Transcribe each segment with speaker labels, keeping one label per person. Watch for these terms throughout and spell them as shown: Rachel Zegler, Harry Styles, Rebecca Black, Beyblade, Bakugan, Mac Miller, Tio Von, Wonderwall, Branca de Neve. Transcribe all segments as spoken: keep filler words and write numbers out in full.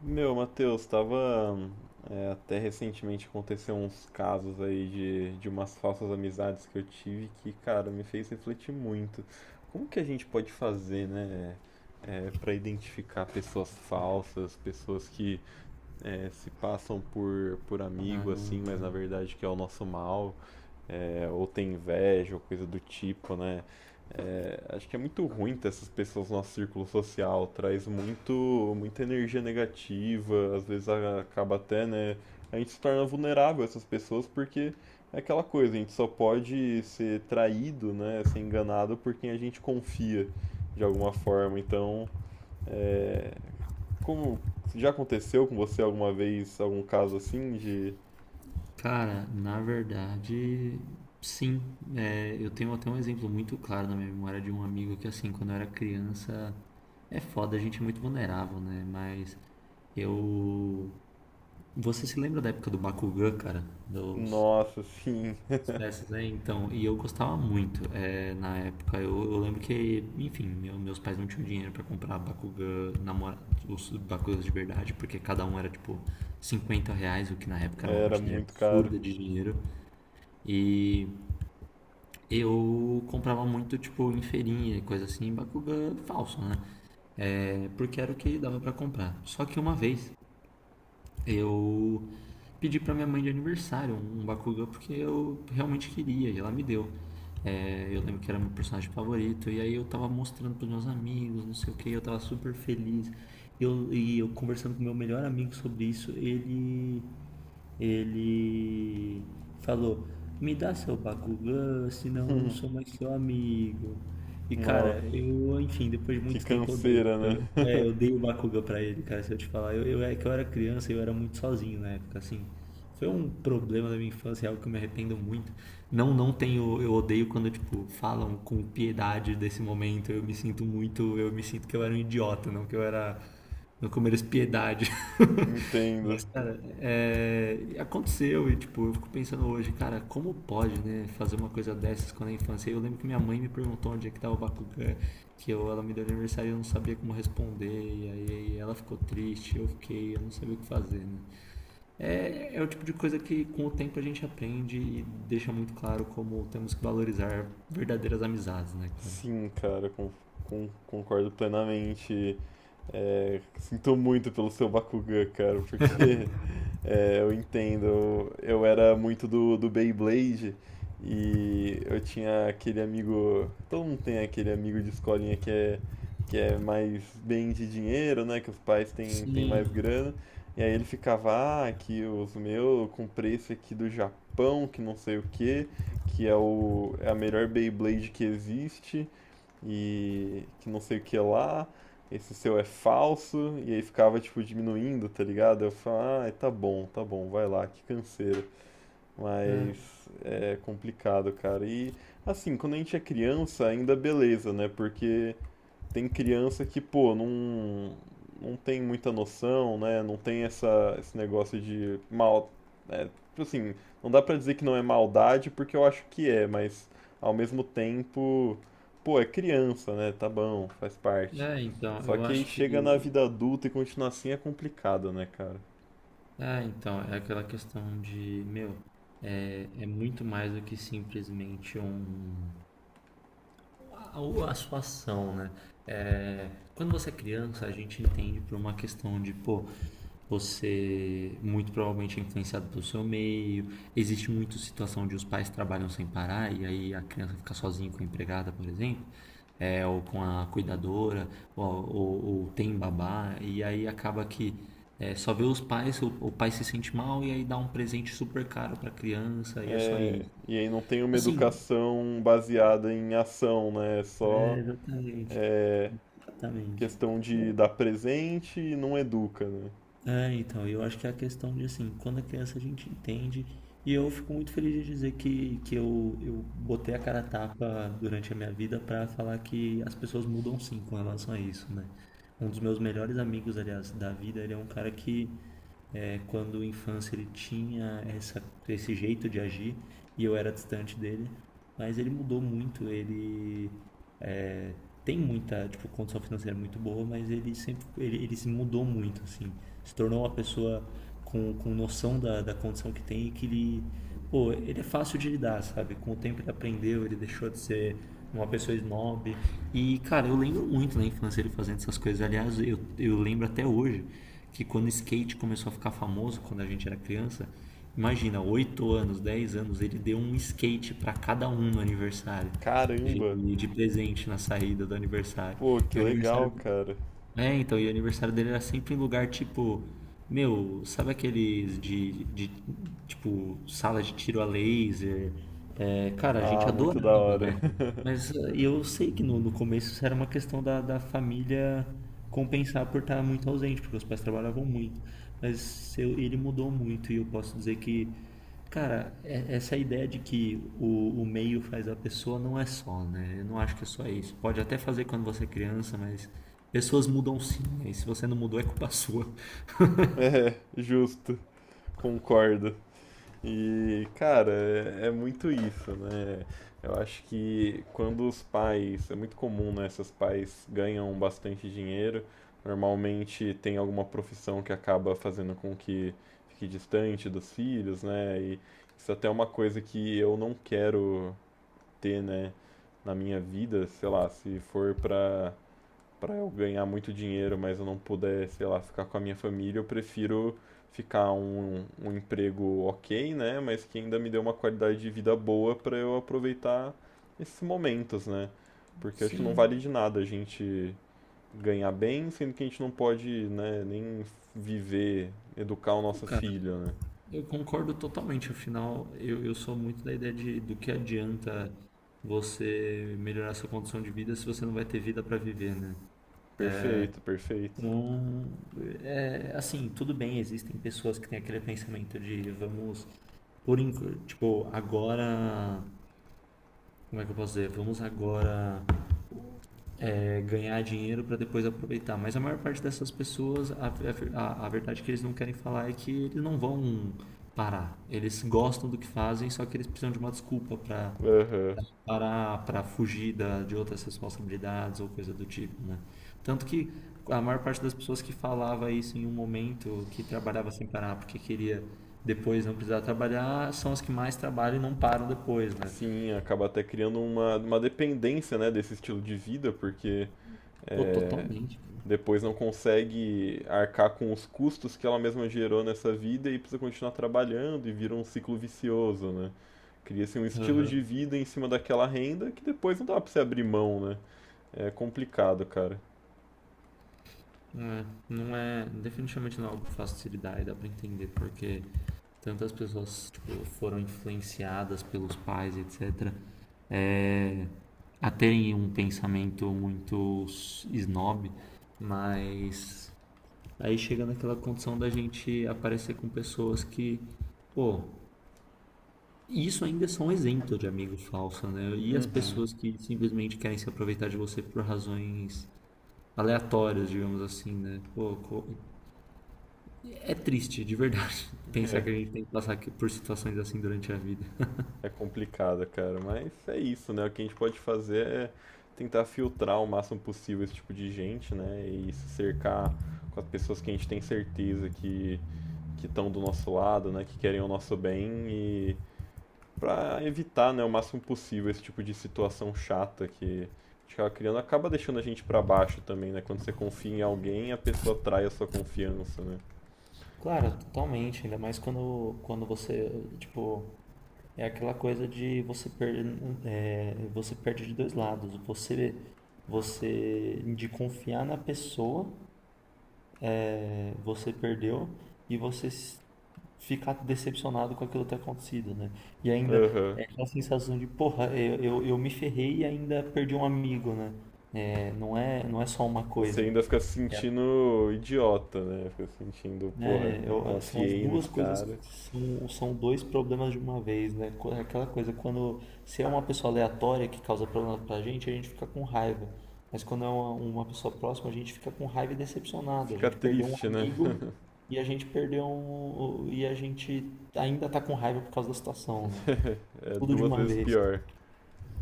Speaker 1: Meu, Matheus, estava até recentemente aconteceu uns casos aí de, de umas falsas amizades que eu tive que, cara, me fez refletir muito. Como que a gente pode fazer, né, é, para identificar pessoas falsas, pessoas que é, se passam por, por
Speaker 2: Ah,
Speaker 1: amigo assim, mas na verdade que é o nosso mal? É, ou tem inveja, ou coisa do tipo, né? É, acho que é muito ruim ter essas pessoas no nosso círculo social, traz muito, muita energia negativa, às vezes a- acaba até, né? A gente se torna vulnerável a essas pessoas porque é aquela coisa, a gente só pode ser traído, né? Ser enganado por quem a gente confia de alguma forma. Então, é, como já aconteceu com você alguma vez algum caso assim de,
Speaker 2: cara, na verdade, sim. É, eu tenho até um exemplo muito claro na minha memória de um amigo que, assim, quando eu era criança, é foda, a gente é muito vulnerável, né? Mas eu. Você se lembra da época do Bakugan, cara? Do
Speaker 1: nossa, sim,
Speaker 2: Dessas aí, então, e eu gostava muito. É, na época, eu, eu lembro que, enfim, meu- meus pais não tinham dinheiro pra comprar Bakugan, namora, os Bakugans de verdade, porque cada um era tipo cinquenta reais, o que na época era uma
Speaker 1: era
Speaker 2: quantidade
Speaker 1: muito caro.
Speaker 2: absurda de dinheiro. E eu comprava muito, tipo, em feirinha e coisa assim, Bakugan falso, né? É, porque era o que dava pra comprar. Só que uma vez eu pedi para minha mãe de aniversário um um Bakugan porque eu realmente queria e ela me deu. É, eu lembro que era meu personagem favorito e aí eu tava mostrando pros meus amigos, não sei o que, eu tava super feliz. Eu, e eu conversando com meu melhor amigo sobre isso, ele ele falou: "Me dá seu Bakugan, senão eu não sou mais seu amigo". E
Speaker 1: Nossa,
Speaker 2: cara, eu, enfim, depois de
Speaker 1: que
Speaker 2: muito tempo eu odeio.
Speaker 1: canseira, né?
Speaker 2: É, eu dei o Bakuga pra ele, cara, se eu te falar. Eu, eu- é que eu era criança e eu era muito sozinho na época, assim. Foi um problema da minha infância, é algo que eu me arrependo muito. Não, não tenho, eu odeio quando, tipo, falam com piedade desse momento. Eu me sinto muito, eu me sinto que eu era um idiota, não que eu era, não que eu mereço piedade.
Speaker 1: Entendo.
Speaker 2: Mas, cara, é, aconteceu e, tipo, eu fico pensando hoje, cara, como pode, né, fazer uma coisa dessas quando é infância? Eu lembro que minha mãe me perguntou onde é que tava o Bakugan que eu, ela me deu aniversário e eu não sabia como responder, e aí ela ficou triste, eu fiquei, eu não sabia o que fazer, né? É, é o tipo de coisa que com o tempo a gente aprende e deixa muito claro como temos que valorizar verdadeiras amizades, né, cara?
Speaker 1: Sim, cara, con- con- concordo plenamente. É, sinto muito pelo seu Bakugan, cara, porque é, eu entendo. Eu, era muito do, do Beyblade e eu tinha aquele amigo. Todo mundo tem aquele amigo de escolinha que é, que é mais bem de dinheiro, né? Que os pais têm, têm
Speaker 2: Sim.
Speaker 1: mais grana. E aí ele ficava, ah, aqui os meus, eu comprei esse aqui do Japão, que não sei o que que é, o, é a melhor Beyblade que existe e que não sei o que lá, esse seu é falso, e aí ficava, tipo, diminuindo, tá ligado? Eu falava, ah, tá bom, tá bom, vai lá, que canseira. Mas
Speaker 2: É.
Speaker 1: é complicado, cara. E assim, quando a gente é criança, ainda beleza, né? Porque tem criança que, pô, não, não tem muita noção, né? Não tem essa, esse negócio de mal. É, tipo assim, não dá pra dizer que não é maldade, porque eu acho que é, mas ao mesmo tempo, pô, é criança, né? Tá bom, faz parte.
Speaker 2: É, então,
Speaker 1: Só
Speaker 2: eu
Speaker 1: que aí
Speaker 2: acho
Speaker 1: chega na
Speaker 2: que.
Speaker 1: vida adulta e continuar assim é complicado, né, cara?
Speaker 2: É, então, é aquela questão de, meu, é, é muito mais do que simplesmente um. a, a sua ação, né? É, quando você é criança, a gente entende por uma questão de, pô, você muito provavelmente é influenciado pelo seu meio. Existe muita situação de os pais trabalham sem parar e aí a criança fica sozinha com a empregada, por exemplo, é, ou com a cuidadora, ou, ou, ou tem babá, e aí acaba que é, só vê os pais, o, o pai se sente mal e aí dá um presente super caro pra criança e é só
Speaker 1: É,
Speaker 2: isso.
Speaker 1: e aí não tem uma
Speaker 2: Assim,
Speaker 1: educação baseada em ação, né? É
Speaker 2: é,
Speaker 1: só
Speaker 2: exatamente,
Speaker 1: é,
Speaker 2: exatamente.
Speaker 1: questão de dar presente e não educa, né?
Speaker 2: É, então, eu acho que é a questão de assim, quando a criança a gente entende, e eu fico muito feliz de dizer que, que eu, eu botei a cara a tapa durante a minha vida para falar que as pessoas mudam sim com relação a isso, né? Um dos meus melhores amigos, aliás, da vida, ele é um cara que, é, quando infância, ele tinha essa, esse jeito de agir e eu era distante dele, mas ele mudou muito, ele tem muita tipo, condição financeira muito boa, mas ele sempre ele, ele se mudou muito, assim. Se tornou uma pessoa com, com noção da, da condição que tem e que ele, pô, ele é fácil de lidar, sabe? Com o tempo ele aprendeu, ele deixou de ser uma pessoa snob. E, cara, eu, lembro muito na infância ele fazendo essas coisas. Aliás, eu, eu lembro até hoje que quando o skate começou a ficar famoso, quando a gente era criança, imagina, oito anos, dez anos, ele deu um skate para cada um no aniversário
Speaker 1: Caramba!
Speaker 2: de, de presente na saída do aniversário.
Speaker 1: Pô, que
Speaker 2: E o
Speaker 1: legal,
Speaker 2: aniversário.
Speaker 1: cara.
Speaker 2: É, então, e o aniversário dele era sempre em lugar tipo. Meu, sabe aqueles de, de tipo, sala de tiro a laser? É, cara, a gente
Speaker 1: Ah, muito da
Speaker 2: adorava,
Speaker 1: hora.
Speaker 2: né? Mas eh, eu sei que no, no começo isso era uma questão da, da família compensar por estar muito ausente, porque os pais trabalhavam muito. Mas eu- ele mudou muito e eu posso dizer que, cara, é- essa ideia de que o, o meio faz a pessoa não é só, né? Eu não acho que é só isso. Pode até fazer quando você é criança, mas pessoas mudam sim, né? E se você não mudou, é culpa sua.
Speaker 1: Justo, concordo. E, cara, é, é muito isso, né? Eu acho que quando os pais, é muito comum, né? Esses pais ganham bastante dinheiro, normalmente tem alguma profissão que acaba fazendo com que fique distante dos filhos, né? E isso até é uma coisa que eu não quero ter, né, na minha vida, sei lá, se for pra para eu ganhar muito dinheiro, mas eu não puder, sei lá, ficar com a minha família, eu prefiro ficar um, um emprego ok, né? Mas que ainda me dê uma qualidade de vida boa para eu aproveitar esses momentos, né? Porque eu acho que não
Speaker 2: Sim,
Speaker 1: vale de nada a gente ganhar bem, sendo que a gente não pode, né, nem viver, educar o
Speaker 2: não,
Speaker 1: nosso
Speaker 2: cara,
Speaker 1: filho, né?
Speaker 2: eu concordo totalmente. Afinal, eu, eu sou muito da ideia de do que adianta você melhorar sua condição de vida se você não vai ter vida para viver, né?
Speaker 1: Perfeito, perfeito.
Speaker 2: Então, é, assim, tudo bem, existem pessoas que têm aquele pensamento de vamos, por enqu- tipo, agora, como é que eu posso dizer? Vamos agora é, ganhar dinheiro para depois aproveitar. Mas a maior parte dessas pessoas, a, a, a verdade que eles não querem falar é que eles não vão parar. Eles gostam do que fazem, só que eles precisam de uma desculpa para
Speaker 1: Aham.
Speaker 2: parar para fugir da, de outras responsabilidades ou coisa do tipo, né? Tanto que a maior parte das pessoas que falava isso em um momento que trabalhava sem parar porque queria depois não precisar trabalhar são as que mais trabalham e não param depois, né?
Speaker 1: Sim, acaba até criando uma, uma dependência, né, desse estilo de vida, porque
Speaker 2: Pô,
Speaker 1: é,
Speaker 2: totalmente, cara.
Speaker 1: depois não consegue arcar com os custos que ela mesma gerou nessa vida e precisa continuar trabalhando e vira um ciclo vicioso, né? Cria-se um estilo de
Speaker 2: Aham.
Speaker 1: vida em cima daquela renda que depois não dá pra você abrir mão, né? É complicado, cara.
Speaker 2: Não é, não é, definitivamente não é algo fácil de se lidar e dá pra entender porque tantas pessoas, tipo, foram influenciadas pelos pais, etcétera, é, a terem um pensamento muito snob, mas aí chega naquela condição da gente aparecer com pessoas que, pô, isso ainda são exemplo de amigo falso, né? E as
Speaker 1: Uhum.
Speaker 2: pessoas que simplesmente querem se aproveitar de você por razões aleatórias, digamos assim, né? Pô, co- É triste, de verdade, pensar
Speaker 1: É,
Speaker 2: que a gente tem que passar aqui por situações assim durante a vida.
Speaker 1: é complicado, cara. Mas é isso, né? O que a gente pode fazer é tentar filtrar o máximo possível esse tipo de gente, né? E se cercar com as pessoas que a gente tem certeza que que estão do nosso lado, né? Que querem o nosso bem e para evitar, né, o máximo possível esse tipo de situação chata que a gente acaba criando, acaba deixando a gente para baixo também, né? Quando você confia em alguém, a pessoa trai a sua confiança, né?
Speaker 2: Claro, totalmente. Ainda mais quando, quando você, tipo, é aquela coisa de você perde, é, você perde de dois lados. Você, você de confiar na pessoa é, você perdeu e você s- ficar decepcionado com aquilo ter acontecido, né? E ainda
Speaker 1: Aham.
Speaker 2: é aquela sensação de, porra, eu, eu, eu me ferrei e ainda perdi um amigo, né? É, não é, não é só uma
Speaker 1: Você
Speaker 2: coisa.
Speaker 1: ainda fica se sentindo idiota, né? Fica se sentindo, porra,
Speaker 2: É,
Speaker 1: eu
Speaker 2: eu- são as
Speaker 1: confiei
Speaker 2: duas
Speaker 1: nesse
Speaker 2: coisas que
Speaker 1: cara.
Speaker 2: são, são dois problemas de uma vez, né? Co- Aquela coisa, quando se é uma pessoa aleatória que causa problema pra gente, a gente fica com raiva. Mas quando é uma, uma pessoa próxima, a gente fica com raiva e decepcionado. A
Speaker 1: Fica
Speaker 2: gente perdeu um
Speaker 1: triste, né?
Speaker 2: amigo e a gente perdeu um, e a gente ainda tá com raiva por causa da situação, né?
Speaker 1: É
Speaker 2: Tudo de
Speaker 1: duas
Speaker 2: uma
Speaker 1: vezes
Speaker 2: vez.
Speaker 1: pior.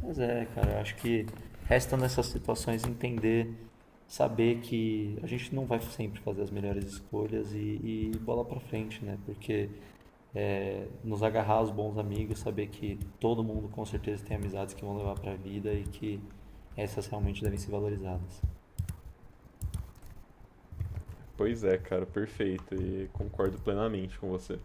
Speaker 2: Mas é, cara, eu acho que resta nessas situações entender, saber que a gente não vai sempre fazer as melhores escolhas e, e bola pra frente, né? Porque é, nos agarrar aos bons amigos, saber que todo mundo com certeza tem amizades que vão levar pra vida e que essas realmente devem ser valorizadas.
Speaker 1: Pois é, cara, perfeito. E concordo plenamente com você.